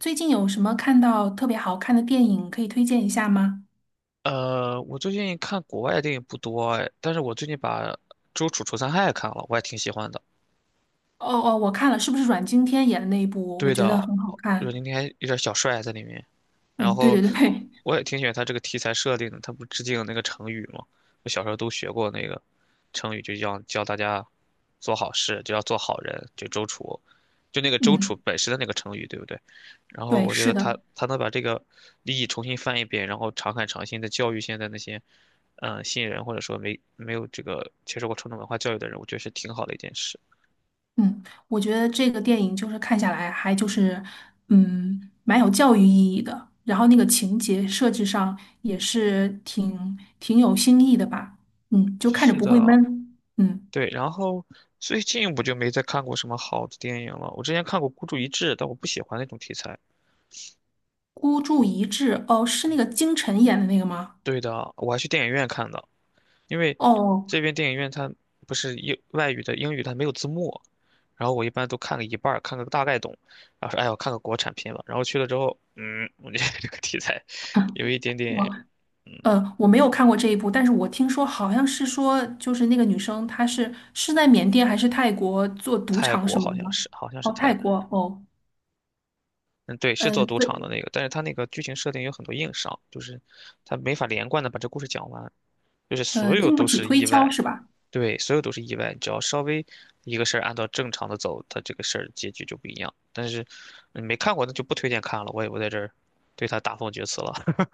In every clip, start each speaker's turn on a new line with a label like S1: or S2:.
S1: 最近有什么看到特别好看的电影可以推荐一下吗？
S2: 我最近看国外的电影不多哎，但是我最近把《周处除三害》看了，我也挺喜欢的。
S1: 哦哦，我看了，是不是阮经天演的那一部？我
S2: 对
S1: 觉得
S2: 的，
S1: 很好
S2: 就是
S1: 看。
S2: 今还有点小帅在里面。然
S1: 嗯，对
S2: 后
S1: 对对。
S2: 我也挺喜欢他这个题材设定的，他不致敬那个成语吗？我小时候都学过那个成语，就叫教大家做好事，就要做好人，就周楚，就那个周楚
S1: 嗯，
S2: 本身的那个成语，对不对？然后
S1: 对，
S2: 我觉得
S1: 是
S2: 他
S1: 的。
S2: 他能把这个利益重新翻一遍，然后常看常新的教育现在那些新人或者说没有这个接受过传统文化教育的人，我觉得是挺好的一件事。
S1: 嗯，我觉得这个电影就是看下来还就是蛮有教育意义的，然后那个情节设置上也是挺有新意的吧。嗯，就看着
S2: 是
S1: 不会
S2: 的，
S1: 闷。嗯。
S2: 对，然后最近我就没再看过什么好的电影了。我之前看过《孤注一掷》，但我不喜欢那种题材。
S1: 孤注一掷，哦，是那个金晨演的那个吗？
S2: 对的，我还去电影院看的，因为
S1: 哦。
S2: 这边电影院它不是英外语的英语，它没有字幕。然后我一般都看个一半儿，看个大概懂，然后说哎呀，我看个国产片吧。然后去了之后，我觉得 这个题材 有 一点点。
S1: 我
S2: 嗯，
S1: 我没有看过这一部，但是我听说好像是说，就是那个女生她是在缅甸还是泰国做赌
S2: 泰
S1: 场
S2: 国
S1: 什么
S2: 好
S1: 的
S2: 像
S1: 吗？
S2: 是，好像是
S1: 哦，泰
S2: 泰国，
S1: 国哦。
S2: 嗯，对，是做
S1: 嗯，
S2: 赌场的
S1: 对。
S2: 那个，但是它那个剧情设定有很多硬伤，就是它没法连贯的把这故事讲完。就是
S1: 呃，
S2: 所有
S1: 经不
S2: 都
S1: 起
S2: 是
S1: 推
S2: 意
S1: 敲
S2: 外，
S1: 是吧？
S2: 对，所有都是意外。只要稍微一个事儿按照正常的走，它这个事儿结局就不一样。但是你没看过，那就不推荐看了。我也不在这儿对它大放厥词了。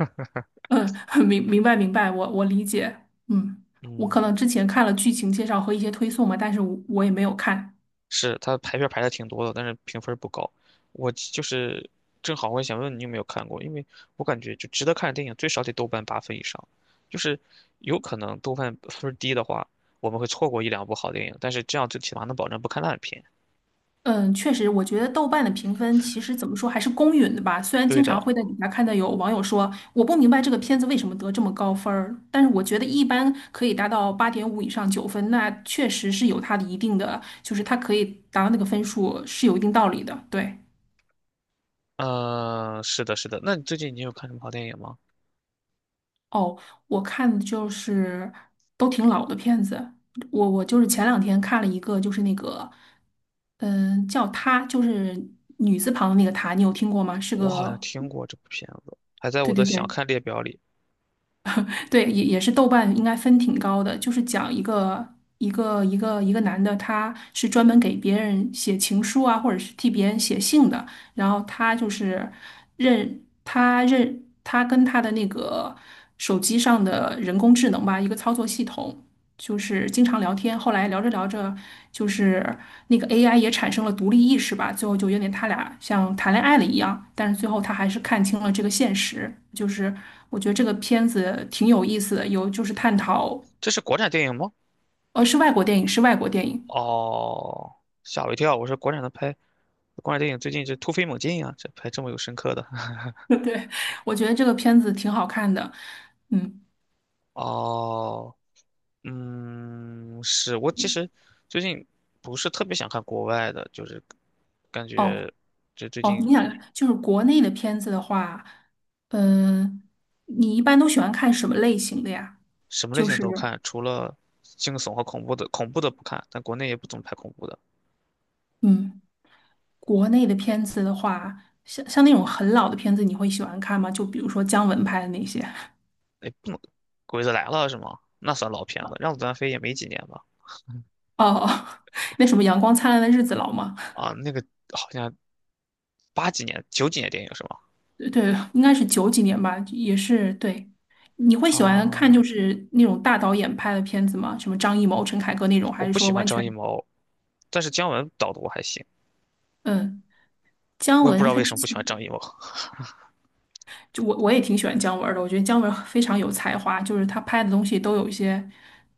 S1: 嗯。明白明白，我理解。嗯，我可
S2: 嗯，
S1: 能之前看了剧情介绍和一些推送嘛，但是我也没有看。
S2: 是，它排片排的挺多的，但是评分不高。我就是正好我也想问你有没有看过，因为我感觉就值得看的电影最少得豆瓣8分以上，就是有可能豆瓣分儿低的话，我们会错过一两部好电影，但是这样最起码能保证不看烂片。
S1: 嗯，确实，我觉得豆瓣的评分其实怎么说还是公允的吧。虽然
S2: 对
S1: 经常
S2: 的，
S1: 会在底下看到有网友说我不明白这个片子为什么得这么高分儿，但是我觉得一般可以达到八点五以上九分，那确实是有它的一定的，就是它可以达到那个分数是有一定道理的。对。
S2: 嗯，是的，是的。那你最近有看什么好电影吗？
S1: 哦，我看的就是都挺老的片子，我就是前两天看了一个，就是那个叫她，就是女字旁的那个她，你有听过吗？是
S2: 我好像
S1: 个
S2: 听过这部片子，还在我
S1: 对
S2: 的
S1: 对
S2: 想
S1: 对。
S2: 看列表里。
S1: 对，也也是豆瓣应该分挺高的，就是讲一个男的，他是专门给别人写情书啊，或者是替别人写信的，然后他就是认他认他跟他的那个手机上的人工智能吧，一个操作系统，就是经常聊天，后来聊着聊着，就是那个 AI 也产生了独立意识吧，最后就有点他俩像谈恋爱了一样，但是最后他还是看清了这个现实。就是我觉得这个片子挺有意思的，有就是探讨。
S2: 这是国产电影吗？
S1: 是外国电影，是外国电影。
S2: 哦，吓我一跳！我说国产电影最近是突飞猛进呀、这拍这么有深刻的。
S1: 对，我觉得这个片子挺好看的。嗯。
S2: 哦，是我其实最近不是特别想看国外的，就是感
S1: 哦
S2: 觉这最
S1: 哦，
S2: 近
S1: 你想就是国内的片子的话，嗯、你一般都喜欢看什么类型的呀？
S2: 什么类
S1: 就
S2: 型
S1: 是
S2: 都看，除了惊悚和恐怖的，恐怖的不看，但国内也不怎么拍恐怖的。
S1: 嗯。国内的片子的话，像那种很老的片子，你会喜欢看吗？就比如说姜文拍的那些。
S2: 鬼子来了》是吗？那算老片子，《让子弹飞》也没几年吧？
S1: 哦。那什么《阳光灿烂的日子》老吗？
S2: 啊，那个好像八几年、九几年电影是吗？
S1: 对，对应该是九几年吧，也是对。你会喜欢看
S2: 啊，
S1: 就是那种大导演拍的片子吗？什么张艺谋、陈凯歌那种，
S2: 我
S1: 还是
S2: 不
S1: 说
S2: 喜欢
S1: 完
S2: 张
S1: 全。
S2: 艺谋，但是姜文导的我还行，
S1: 嗯，姜
S2: 我也不知
S1: 文
S2: 道
S1: 他
S2: 为
S1: 之
S2: 什么不喜
S1: 前
S2: 欢张艺谋。
S1: 就我也挺喜欢姜文儿的，我觉得姜文儿非常有才华，就是他拍的东西都有一些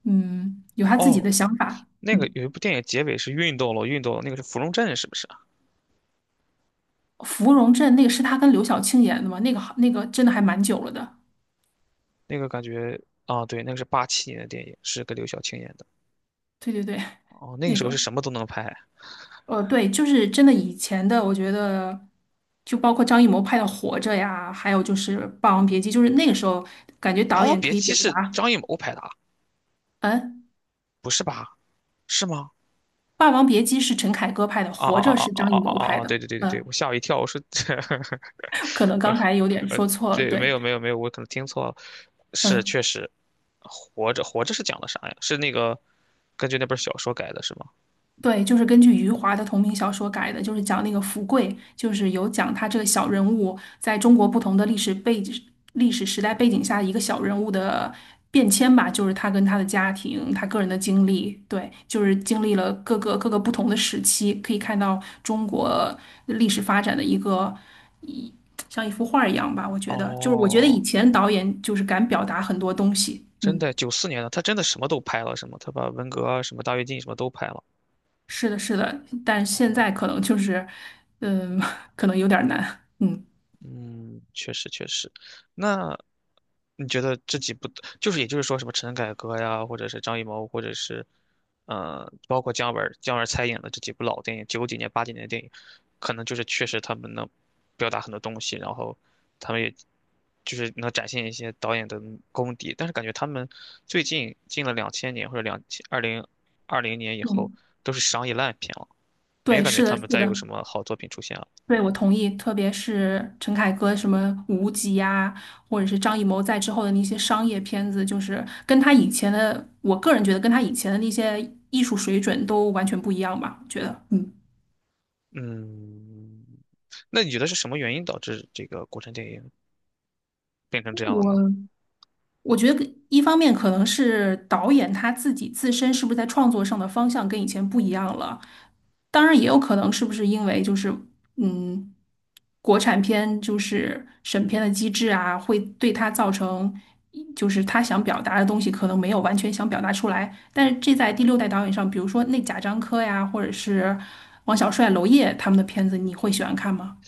S1: 有他自己
S2: 哦，
S1: 的想法。
S2: 那个
S1: 嗯。
S2: 有一部电影结尾是运动了，运动了，那个是《芙蓉镇》是不是啊？
S1: 芙蓉镇那个是他跟刘晓庆演的吗？那个好，那个真的还蛮久了的。
S2: 那个感觉啊，对，那个是87年的电影，是跟刘晓庆演的。
S1: 对对对，
S2: 哦，那个
S1: 那
S2: 时候是
S1: 个
S2: 什么都能拍，
S1: 对，就是真的以前的，我觉得就包括张艺谋拍的《活着》呀，还有就是《霸王别姬》，就是那个时候感觉
S2: 《霸
S1: 导
S2: 王
S1: 演
S2: 别
S1: 可以
S2: 姬》
S1: 表
S2: 是
S1: 达。
S2: 张艺谋拍的啊？
S1: 嗯，
S2: 不是吧？是吗？
S1: 《霸王别姬》是陈凯歌拍的，
S2: 啊啊
S1: 《活着》
S2: 啊
S1: 是
S2: 啊
S1: 张
S2: 啊
S1: 艺
S2: 啊
S1: 谋拍
S2: 啊啊！对
S1: 的。
S2: 对对对对，
S1: 嗯，
S2: 我吓我一跳，我说，
S1: 可能刚才有 点
S2: 呃，
S1: 说错了，
S2: 对，没
S1: 对。
S2: 有没有没有，我可能听错了，是
S1: 嗯。
S2: 确实，活着是讲的啥呀？是那个根据那本小说改的是吗？
S1: 对，就是根据余华的同名小说改的，就是讲那个福贵，就是有讲他这个小人物在中国不同的历史背景、历史时代背景下一个小人物的变迁吧，就是他跟他的家庭、他个人的经历，对，就是经历了各个不同的时期，可以看到中国历史发展的一个像一幅画儿一样吧，我觉得，就是我觉得以
S2: 哦，
S1: 前导演就是敢表达很多东西。
S2: 真
S1: 嗯。
S2: 的，94年的，他真的什么都拍了，是吗？他把文革啊、什么大跃进什么都拍了。
S1: 是的，是的，但现
S2: 哦
S1: 在可能就是。嗯。可能有点儿难。嗯。
S2: 嗯，确实确实。那你觉得这几部，就是也就是说什么陈凯歌呀，或者是张艺谋，或者是包括姜文儿参演的这几部老电影，九几年、八几年的电影，可能就是确实他们能表达很多东西，然后他们也就是能展现一些导演的功底。但是感觉他们最近近了2000年或者2020年以后，
S1: 嗯，
S2: 都是商业烂片了，没
S1: 对，
S2: 感觉
S1: 是
S2: 他
S1: 的，是
S2: 们再有
S1: 的，
S2: 什么好作品出现了。
S1: 对，我同意。特别是陈凯歌什么《无极》呀，或者是张艺谋在之后的那些商业片子，就是跟他以前的，我个人觉得跟他以前的那些艺术水准都完全不一样吧。我觉得。嗯，
S2: 嗯，那你觉得是什么原因导致这个国产电影变成这样了呢？
S1: 我我觉得一方面可能是导演他自己自身是不是在创作上的方向跟以前不一样了，当然也有可能是不是因为就是嗯，国产片就是审片的机制啊，会对他造成就是他想表达的东西可能没有完全想表达出来，但是这在第六代导演上，比如说那贾樟柯呀，或者是王小帅、娄烨他们的片子，你会喜欢看吗？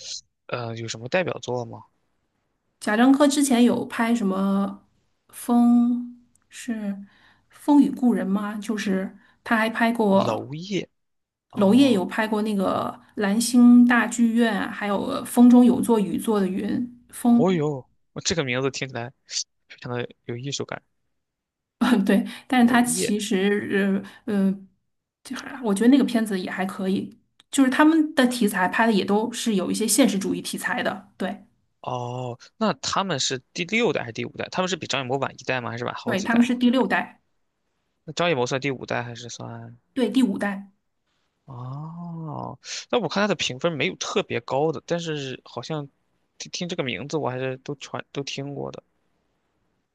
S2: 有什么代表作吗？
S1: 贾樟柯之前有拍什么风是《风雨故人》吗？就是他还拍
S2: 娄
S1: 过
S2: 烨
S1: 娄烨有
S2: 哦，
S1: 拍过那个蓝星大剧院，啊还有风中有座雨做的云》
S2: 哦
S1: 风。
S2: 哟，这个名字听起来非常的有艺术感。
S1: 对，但是
S2: 娄
S1: 他
S2: 烨
S1: 其实就还我觉得那个片子也还可以，就是他们的题材拍的也都是有一些现实主义题材的。对
S2: 哦，那他们是第六代还是第五代？他们是比张艺谋晚一代吗？还是晚好
S1: 对，
S2: 几
S1: 他们
S2: 代？
S1: 是第六代。
S2: 那张艺谋算第五代还是算？
S1: 对第五代。
S2: 哦，那我看他的评分没有特别高的，但是好像听这个名字我还是都传都听过的。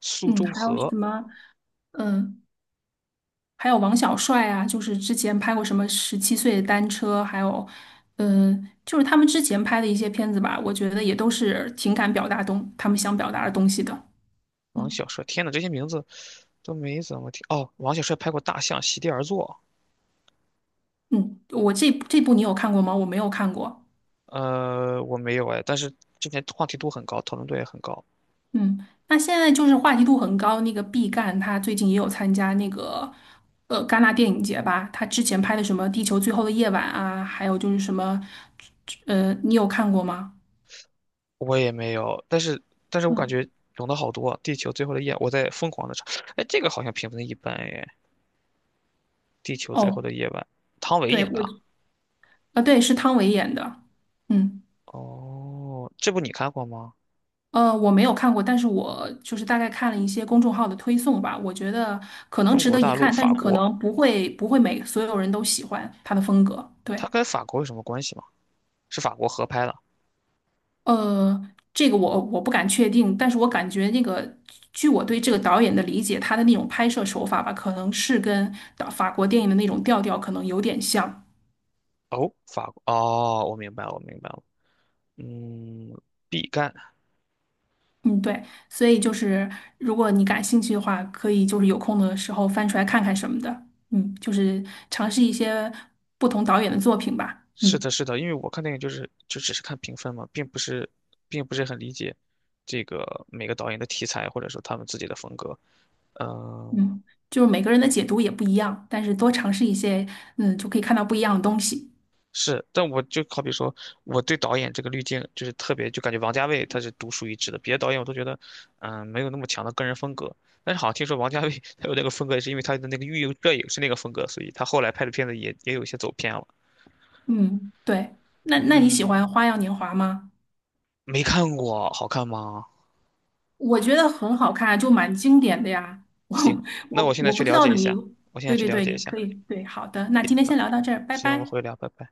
S2: 苏
S1: 嗯，
S2: 州
S1: 还有什
S2: 河
S1: 么。嗯。还有王小帅啊，就是之前拍过什么《十七岁的单车》，还有，就是他们之前拍的一些片子吧，我觉得也都是情感表达东他们想表达的东西的。
S2: 王
S1: 嗯。
S2: 小帅，天呐，这些名字都没怎么听。哦，王小帅拍过《大象席地而坐》，
S1: 嗯，我这部你有看过吗？我没有看过。
S2: 我没有哎，但是之前话题度很高，讨论度也很高，
S1: 嗯，那现在就是话题度很高，那个毕赣他最近也有参加那个戛纳电影节吧，他之前拍的什么《地球最后的夜晚》啊，还有就是什么。你有看过吗？
S2: 我也没有。但是我感
S1: 嗯。
S2: 觉懂得好多，《地球最后的夜》，我在疯狂的查。哎，这个好像评分一般哎，《地球最后
S1: 哦，
S2: 的夜晚》，汤唯
S1: 对，
S2: 演的
S1: 我。
S2: 啊
S1: 啊，对，是汤唯演的。嗯。
S2: 哦，这部你看过吗？
S1: 我没有看过，但是我就是大概看了一些公众号的推送吧，我觉得可能
S2: 中
S1: 值
S2: 国
S1: 得一
S2: 大陆、
S1: 看，但
S2: 法
S1: 是可
S2: 国，
S1: 能不会每所有人都喜欢他的风格。
S2: 它
S1: 对。
S2: 跟法国有什么关系吗？是法国合拍的。
S1: 这个我不敢确定，但是我感觉那个，据我对这个导演的理解，他的那种拍摄手法吧，可能是跟导法国电影的那种调调可能有点像。
S2: 哦，法国哦，我明白了，我明白了。嗯，毕赣。
S1: 嗯，对，所以就是如果你感兴趣的话，可以就是有空的时候翻出来看看什么的，嗯，就是尝试一些不同导演的作品吧。
S2: 是
S1: 嗯。
S2: 的，是的，因为我看电影就只是看评分嘛，并不是很理解这个每个导演的题材或者说他们自己的风格。嗯，
S1: 嗯，就是每个人的解读也不一样，但是多尝试一些，嗯，就可以看到不一样的东西。
S2: 是，但我就好比说，我对导演这个滤镜就是特别，就感觉王家卫他是独树一帜的，别的导演我都觉得，没有那么强的个人风格。但是好像听说王家卫 他有那个风格，是因为他的那个御用摄影是那个风格，所以他后来拍的片子也有一些走偏了。
S1: 嗯，对，那那你喜欢
S2: 嗯，
S1: 《花样年华》吗？
S2: 没看过，好看吗？
S1: 我觉得很好看，就蛮经典的呀。我
S2: 行，那我
S1: 我
S2: 现在
S1: 我不
S2: 去
S1: 知
S2: 了
S1: 道
S2: 解一
S1: 你，
S2: 下，我现在
S1: 对
S2: 去
S1: 对
S2: 了
S1: 对，
S2: 解
S1: 你
S2: 一下。了。
S1: 可以，对，好的，那今天
S2: 那
S1: 先聊到这儿，拜
S2: 行，我们
S1: 拜。
S2: 回聊，拜拜。